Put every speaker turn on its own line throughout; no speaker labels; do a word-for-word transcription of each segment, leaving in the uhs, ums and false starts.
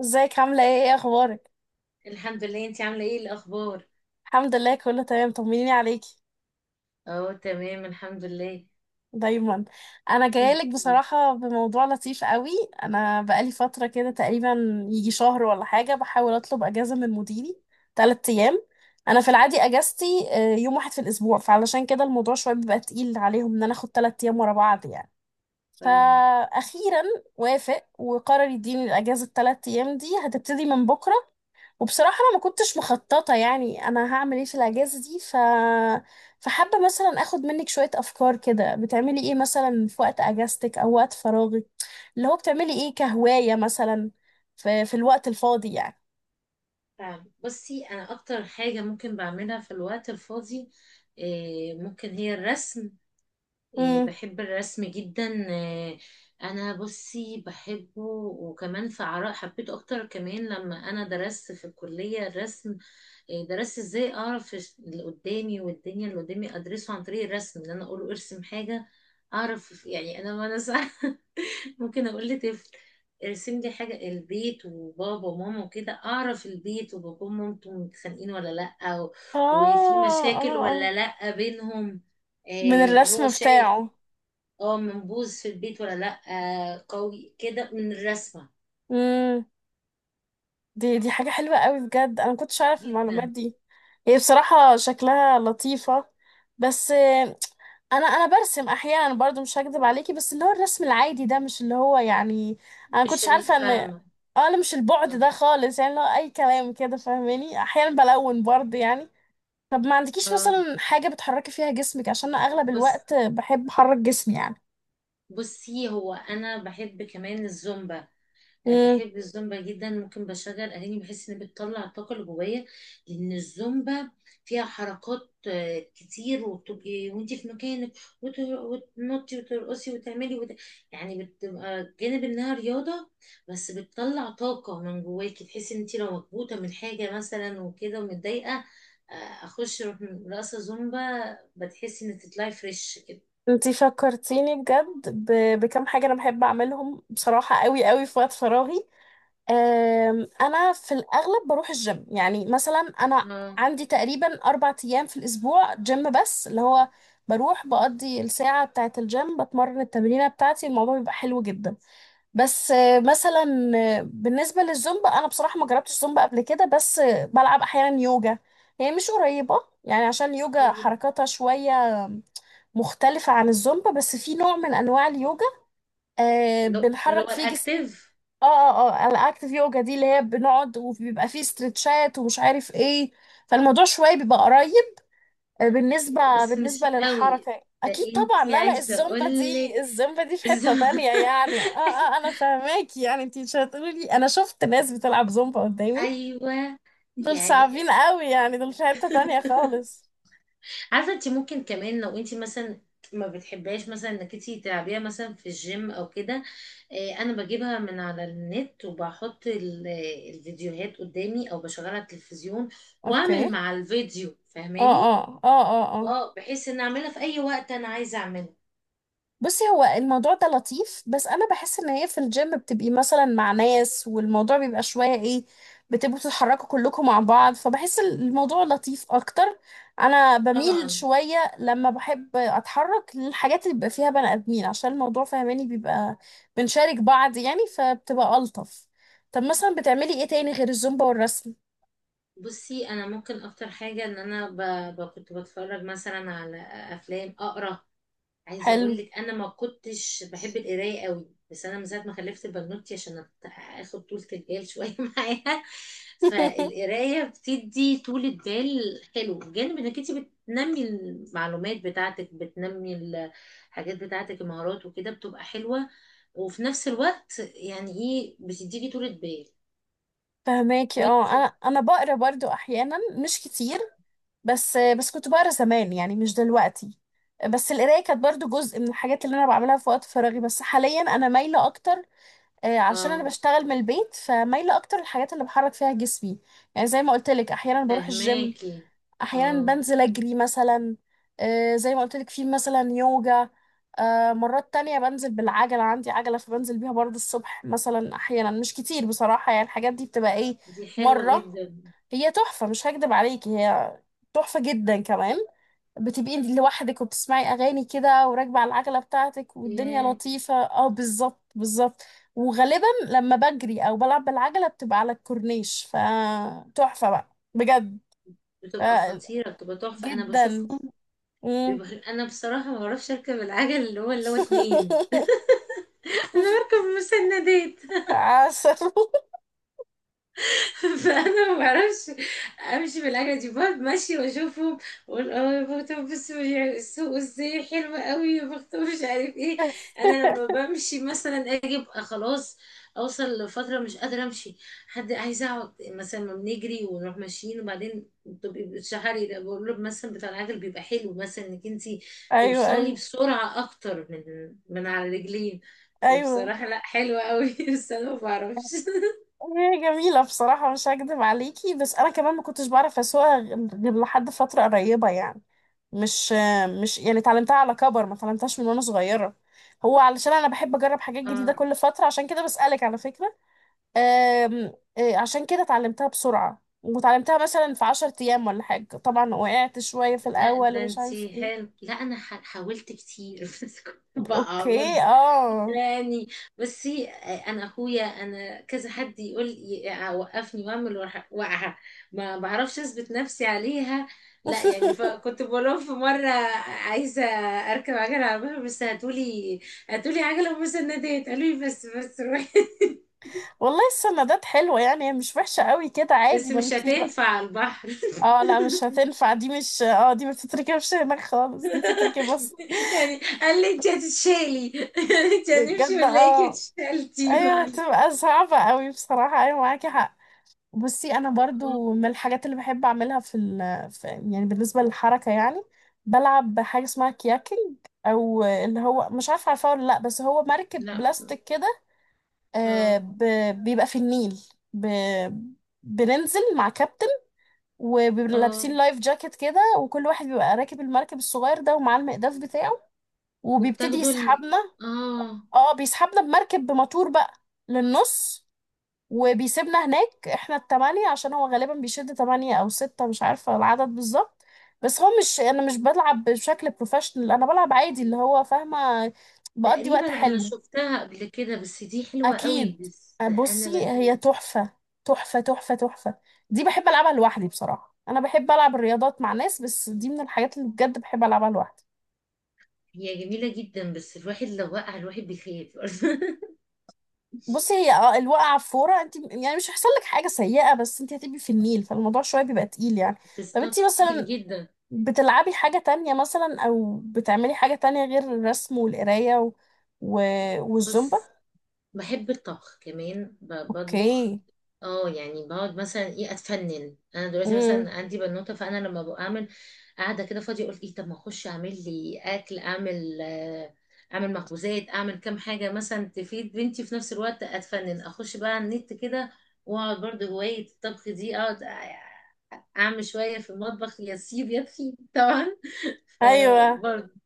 ازيك؟ عاملة ايه؟ ايه اخبارك؟
الحمد لله، انتي عاملة ايه الأخبار؟
الحمد لله، كله تمام. طمنيني عليكي
اه، تمام الحمد لله.
دايما. انا جايلك بصراحة بموضوع لطيف قوي. انا بقالي فترة كده، تقريبا يجي شهر ولا حاجة، بحاول اطلب اجازة من مديري تلات ايام. انا في العادي اجازتي آه، يوم واحد في الاسبوع، فعلشان كده الموضوع شوية بيبقى تقيل عليهم ان انا اخد تلات ايام ورا بعض يعني.
فاهم
فاخيرا وافق وقرر يديني الاجازة التلات ايام دي، هتبتدي من بكرة. وبصراحة أنا ما كنتش مخططة يعني أنا هعمل إيه في الأجازة دي، ف... فحابة مثلا أخد منك شوية أفكار كده، بتعملي إيه مثلا في وقت أجازتك أو وقت فراغك؟ اللي هو بتعملي إيه كهواية مثلا في, في الوقت الفاضي يعني؟
فاهم. بصي، أنا أكتر حاجة ممكن بعملها في الوقت الفاضي إيه، ممكن هي الرسم. إيه،
مم.
بحب الرسم جدا. إيه، أنا بصي بحبه، وكمان في عراء حبيته أكتر كمان لما أنا درست في الكلية الرسم. إيه، درست ازاي أعرف اللي قدامي والدنيا اللي قدامي أدرسه عن طريق الرسم، إن أنا أقول ارسم حاجة. أعرف يعني أنا وأنا صغيرة، ممكن اقول لطفل ارسم لي حاجه البيت وبابا وماما وكده، اعرف البيت وبابا ومامته متخانقين ولا لا و-
آه
وفي مشاكل
آه، آه
ولا لا بينهم.
من
آه هو
الرسم
شيء،
بتاعه.
اه، منبوذ في البيت ولا لا. آه قوي كده من الرسمه.
مم. دي دي حاجة حلوة قوي بجد، أنا ما كنتش أعرف المعلومات
جدا.
دي. هي بصراحة شكلها لطيفة. بس انا انا برسم احيانا برضو، مش هكذب عليكي، بس اللي هو الرسم العادي ده مش اللي هو يعني، انا
مش
كنتش عارفه ان...
الفاهمه.
اه لا، مش البعد
اه.
ده خالص يعني، اللي هو اي كلام كده فاهماني، احيانا بلون برضو يعني. طب ما عندكيش
آه.
مثلا حاجه بتحركي فيها جسمك؟ عشان انا اغلب
بص،
الوقت بحب احرك جسمي
بصي هو انا بحب كمان الزومبا. آه،
يعني.
بحب الزومبا جدا، ممكن بشغل اغاني بحس ان بتطلع الطاقه اللي جوايا، لان الزومبا فيها حركات آه، كتير، وبتبقي وانت في مكانك وت- وتنطي وترقصي وتعملي وت... يعني بتبقى جانب انها رياضه، بس بتطلع طاقه من جواكي، تحسي ان انت لو مكبوته من حاجه مثلا وكده ومتضايقه، آه، اخش أروح رقصه زومبا، بتحسي ان تطلعي فريش كده.
انتي فكرتيني بجد ب- بكم حاجة انا بحب اعملهم بصراحة، قوي قوي في وقت فراغي. أم، انا في الاغلب بروح الجيم. يعني مثلا انا
اه،
عندي تقريبا اربع ايام في الاسبوع جيم، بس اللي هو بروح بقضي الساعة بتاعة الجيم، بتمرن التمرينة بتاعتي، الموضوع بيبقى حلو جدا. بس آه، مثلا، آه، بالنسبة للزومبا، انا بصراحة ما جربتش زومبا قبل كده، بس آه، بلعب احيانا يوجا. هي مش قريبة يعني، عشان يوجا حركاتها شوية مختلفة عن الزومبا، بس في نوع من أنواع اليوجا آه
اللي هو اللي
بنحرك
هو
فيه جسم.
الاكتيف.
اه اه اه الأكتيف يوجا دي اللي هي بنقعد وبيبقى فيه استرتشات ومش عارف ايه، فالموضوع شوية بيبقى قريب. آه بالنسبة
بس مش
بالنسبة
قوي
للحركة
ده،
أكيد طبعا،
انتي
لا لا،
عايزة
الزومبا
اقولك
دي، الزومبا دي في حتة
الزم...
تانية يعني، اه. اه أنا فاهماكي يعني، انتي مش هتقولي لي أنا شفت ناس بتلعب زومبا قدامي،
ايوه.
دول
يعني.
صعبين قوي يعني، دول في حتة تانية خالص.
عارفة انتي ممكن كمان لو انتي مثلا ما بتحبهاش، مثلا انك انتي تلعبيها مثلا في الجيم او كده، آه، انا بجيبها من على النت وبحط ال- الفيديوهات قدامي او بشغلها على التلفزيون
اوكي.
واعمل مع الفيديو،
اه
فاهماني.
اه اه اه اه
اه، بحيث ان اعملها في اي وقت انا عايزة اعمله.
بصي هو الموضوع ده لطيف، بس انا بحس ان هي في الجيم بتبقي مثلا مع ناس والموضوع بيبقى شويه ايه، بتبقوا بتتحركوا كلكم مع بعض، فبحس الموضوع لطيف اكتر. انا بميل
طبعا.
شويه لما بحب اتحرك للحاجات اللي بيبقى فيها بني ادمين، عشان الموضوع فهماني بيبقى بنشارك بعض يعني، فبتبقى الطف. طب مثلا بتعملي ايه تاني غير الزومبا والرسم؟
بصي انا ممكن اكتر حاجه ان انا ب... ب... كنت بتفرج مثلا على افلام، اقرا. عايزه
حلو.
اقول لك، انا ما كنتش بحب القرايه قوي، بس انا من ساعه ما خلفت البنوتي عشان أت- اخد طولة البال شويه معاها، فالقرايه بتدي طولة بال حلو، بجانب انك انت بتنمي المعلومات بتاعتك، بتنمي الحاجات بتاعتك المهارات وكده، بتبقى حلوه. وفي نفس الوقت يعني ايه، بتديكي طولة بال.
فهماكي اه
وانت؟
انا انا بقرا برضو احيانا مش كتير، بس بس كنت بقرا زمان يعني، مش دلوقتي. بس القرايه كانت برضو جزء من الحاجات اللي انا بعملها في وقت فراغي، بس حاليا انا مايله اكتر، آه، علشان انا
اه.
بشتغل من البيت، فمايله اكتر الحاجات اللي بحرك فيها جسمي. يعني زي ما قلت لك احيانا بروح الجيم،
فهماكي.
احيانا
اه.
بنزل اجري مثلا، آه، زي ما قلت لك في مثلا يوجا، آه، مرات تانية بنزل بالعجلة، عندي عجلة فبنزل بيها برضو الصبح مثلا، أحيانا مش كتير بصراحة يعني، الحاجات دي بتبقى إيه،
دي حلوة
مرة.
جدا.
هي تحفة مش هكدب عليكي، هي تحفة جدا كمان، بتبقي لوحدك وبتسمعي أغاني كده وراكبة على العجلة بتاعتك والدنيا
ياه.
لطيفة، اه بالظبط بالظبط. وغالبا لما بجري أو بلعب بالعجلة بتبقى على الكورنيش، فتحفة بقى بجد. ف-
بتبقى خطيرة، بتبقى تحفة، انا
جدا.
بشوفهم.
مم.
بيبقى انا بصراحة ما بعرفش اركب العجل اللي هو اللي هو اتنين. انا بركب مسندات.
عسل.
فانا ما بعرفش امشي بالحاجه دي، بقعد ماشيه واشوفهم واقول، اه يا بختها، بص السوق ازاي حلوه قوي، يا بختها، مش عارف ايه. انا لما بمشي مثلا اجي ابقى خلاص، اوصل لفتره مش قادره امشي، حد هيزعق مثلا ما بنجري ونروح ماشيين، وبعدين بتبقي بتشحري، ده بقول له مثلا بتاع العجل بيبقى حلو، مثلا انك انت
أيوه
توصلي
أيوه
بسرعه اكتر من من على رجلين.
أيوه.
فبصراحه لا حلوه قوي، بس انا ما بعرفش.
هي جميلة بصراحة مش هكدب عليكي، بس أنا كمان ما كنتش بعرف أسوقها غير لحد فترة قريبة يعني، مش مش يعني اتعلمتها على كبر، ما اتعلمتهاش من وأنا صغيرة. هو علشان أنا بحب أجرب حاجات جديدة
اه
كل فترة، عشان كده بسألك على فكرة. أم، إيه، عشان كده اتعلمتها بسرعة، وتعلمتها مثلا في عشر أيام ولا حاجة، طبعا وقعت شوية في
لا،
الأول
ده
ومش عارف
انتي
ايه.
حلو. لا انا ح- حاولت كتير، بس كنت بقع
اوكي
برضه.
اه.
يعني. بصي، انا اخويا، انا كذا حد يقول ي- وقفني واعمل وأح- واقعه. ما بعرفش اثبت نفسي عليها، لا يعني. فكنت بقول لهم في مره عايزه اركب عجله على البحر، بس هاتولي، هاتولي عجله ومسندات. قالوا لي بس، بس روحي.
والله السندات حلوة يعني، هي مش وحشة قوي كده، عادي
بس
ما
مش
انتي...
هتنفع على البحر.
اه لا مش هتنفع، دي مش، اه دي ما تتركبش هناك خالص، دي تتركب بس.
يعني قال لي انت هتتشالي، انت هنمشي
بجد
ونلاقيكي
اه.
اتشالتي من
ايوه
علي.
هتبقى صعبة قوي بصراحة، ايوه معاكي حق. بصي انا
أمم،
برضو من الحاجات اللي بحب اعملها في, ال... في يعني بالنسبة للحركة يعني، بلعب حاجة اسمها كياكينج، او اللي هو مش عارفة عارفاه ولا لا، بس هو مركب
لا.
بلاستيك كده. آه
اه.
ب... بيبقى في النيل، ب... بننزل مع كابتن وبيبقوا
اه.
لابسين لايف جاكيت كده، وكل واحد بيبقى راكب المركب الصغير ده ومعاه المقداف بتاعه، وبيبتدي
وبتاخدوا ال...
يسحبنا.
اه.
اه بيسحبنا بمركب بموتور بقى للنص، وبيسيبنا هناك، احنا التمانية، عشان هو غالبا بيشد تمانية او ستة، مش عارفة العدد بالظبط. بس هو مش، انا مش بلعب بشكل بروفيشنال، انا بلعب عادي اللي هو فاهمة، بقضي وقت
تقريبا انا
حلو.
شفتها قبل كده، بس دي حلوة
اكيد.
قوي، بس
آه، بصي
انا بخاف.
هي تحفه، تحفه تحفه تحفه. دي بحب العبها لوحدي بصراحه، انا بحب العب الرياضات مع ناس، بس دي من الحاجات اللي بجد بحب العبها لوحدي.
هي جميلة جدا، بس الواحد لو وقع الواحد بيخاف.
بصي هي اه الوقعه في فوره، انت يعني مش هيحصل لك حاجه سيئه، بس انت هتبقي في النيل، فالموضوع شويه بيبقى تقيل يعني. طب انت
بالظبط، تقيل
مثلا
جدا.
بتلعبي حاجه تانية مثلا او بتعملي حاجه تانية غير الرسم والقرايه و... و... والزومبا؟
بس بحب الطبخ كمان، ب- بطبخ.
اوكي.
اه يعني، بقعد مثلا ايه اتفنن، انا دلوقتي
امم.
مثلا عندي بنوته، فانا لما بعمل قاعده كده فاضيه، اقول ايه، طب ما اخش اعمل لي اكل، اعمل آه، اعمل مخبوزات، اعمل كام حاجه مثلا تفيد بنتي، في نفس الوقت اتفنن، اخش بقى على النت كده، واقعد برضه هوايه الطبخ دي، اقعد اعمل شويه في المطبخ، يا سيب يا تخيب طبعا.
ايوه،
فبرضه.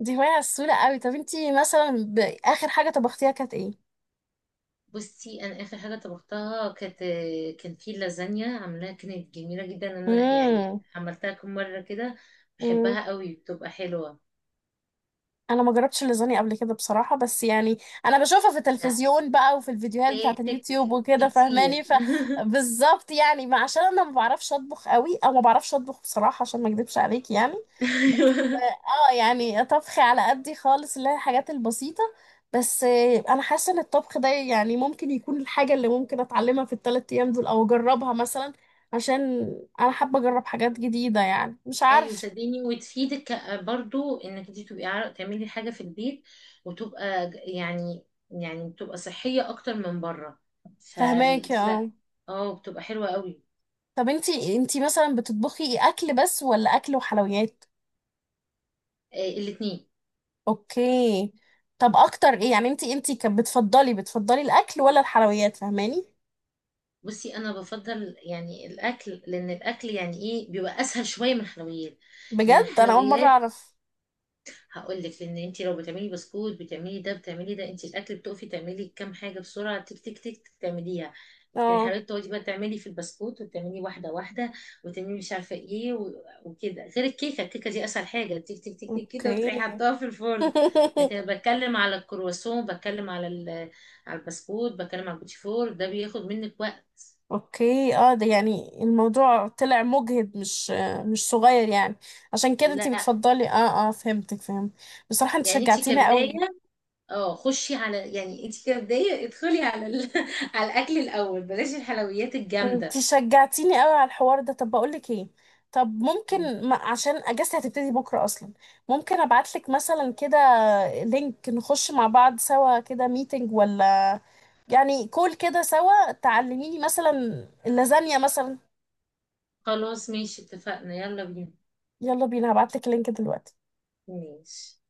دي هوايه سهله قوي. طب انت مثلا ب... اخر حاجه طبختيها كانت ايه؟
بصي انا اخر حاجه طبختها كانت، كان في لازانيا عاملاها كانت جميله جدا. انا يعني
امم.
عملتها كم مره كده،
امم.
بحبها قوي، بتبقى حلوه.
انا ما جربتش اللازانيا قبل كده بصراحه، بس يعني انا بشوفها في
لا،
التلفزيون بقى وفي الفيديوهات بتاعه
فاتك
اليوتيوب وكده
كتير.
فاهماني، فبالظبط يعني، ما عشان انا ما بعرفش اطبخ قوي، او ما بعرفش اطبخ بصراحه عشان ما اكدبش عليك يعني. ف-
ايوه.
اه يعني طبخي على قدي خالص، اللي هي الحاجات البسيطه. بس آه، انا حاسه ان الطبخ ده يعني ممكن يكون الحاجه اللي ممكن اتعلمها في الثلاث ايام دول او اجربها مثلا، عشان انا حابه اجرب حاجات جديده يعني مش
ايوه
عارف.
صدقيني وتفيدك برضو، انك انت تبقي عار- تعملي حاجه في البيت، وتبقى ج- يعني، يعني بتبقى صحيه اكتر من بره.
فهماكي
فلا،
اه.
اه، بتبقى حلوه قوي.
طب انتي انتي مثلا بتطبخي اكل بس ولا اكل وحلويات؟
آه، الاتنين.
اوكي. طب اكتر ايه يعني، انتي انتي كانت بتفضلي، بتفضلي الاكل ولا الحلويات؟ فاهماني.
بصي انا بفضل يعني الاكل، لان الاكل يعني ايه بيبقى اسهل شويه من الحلويات. من
بجد انا اول مره
الحلويات
اعرف.
هقول لك، لان انت لو بتعملي بسكوت بتعملي ده بتعملي ده، انت الاكل بتقفي تعملي كام حاجه بسرعه، تك تك تك تك تعمليها. لكن
اه
الحلويات، تقعدي بقى تعملي في البسكوت وتعملي واحده واحده، وتعملي مش عارفه ايه و- وكده. غير الكيكه، الكيكه دي اسهل حاجه، تك تك تك تك كده، وتروحي
اوكي.
حطاها في الفرن. لكن أنا بتكلم على الكرواسون، بتكلم على ال- على البسكوت، بتكلم على البوتيفور، ده بياخد منك وقت.
اوكي اه، ده يعني الموضوع طلع مجهد، مش مش صغير يعني. عشان كده انتي
لا
بتفضلي، اه اه فهمتك فهمت. بصراحه انت
يعني، انت
شجعتيني
كبدايه،
قوي.
اه خشي على، يعني انت كبدايه ادخلي على ال... على الاكل الاول، بلاش الحلويات
انتي
الجامده.
شجعتيني قوي على الحوار ده، طب بقولك ايه، طب
مم.
ممكن ما عشان اجازتي هتبتدي بكره اصلا، ممكن ابعتلك مثلا كده لينك نخش مع بعض سوا كده ميتنج، ولا يعني كول كده سوا، تعلميني مثلا اللازانيا مثلا.
خلاص ماشي، اتفقنا، يلا بينا.
يلا بينا، هبعتلك اللينك دلوقتي.
ماشي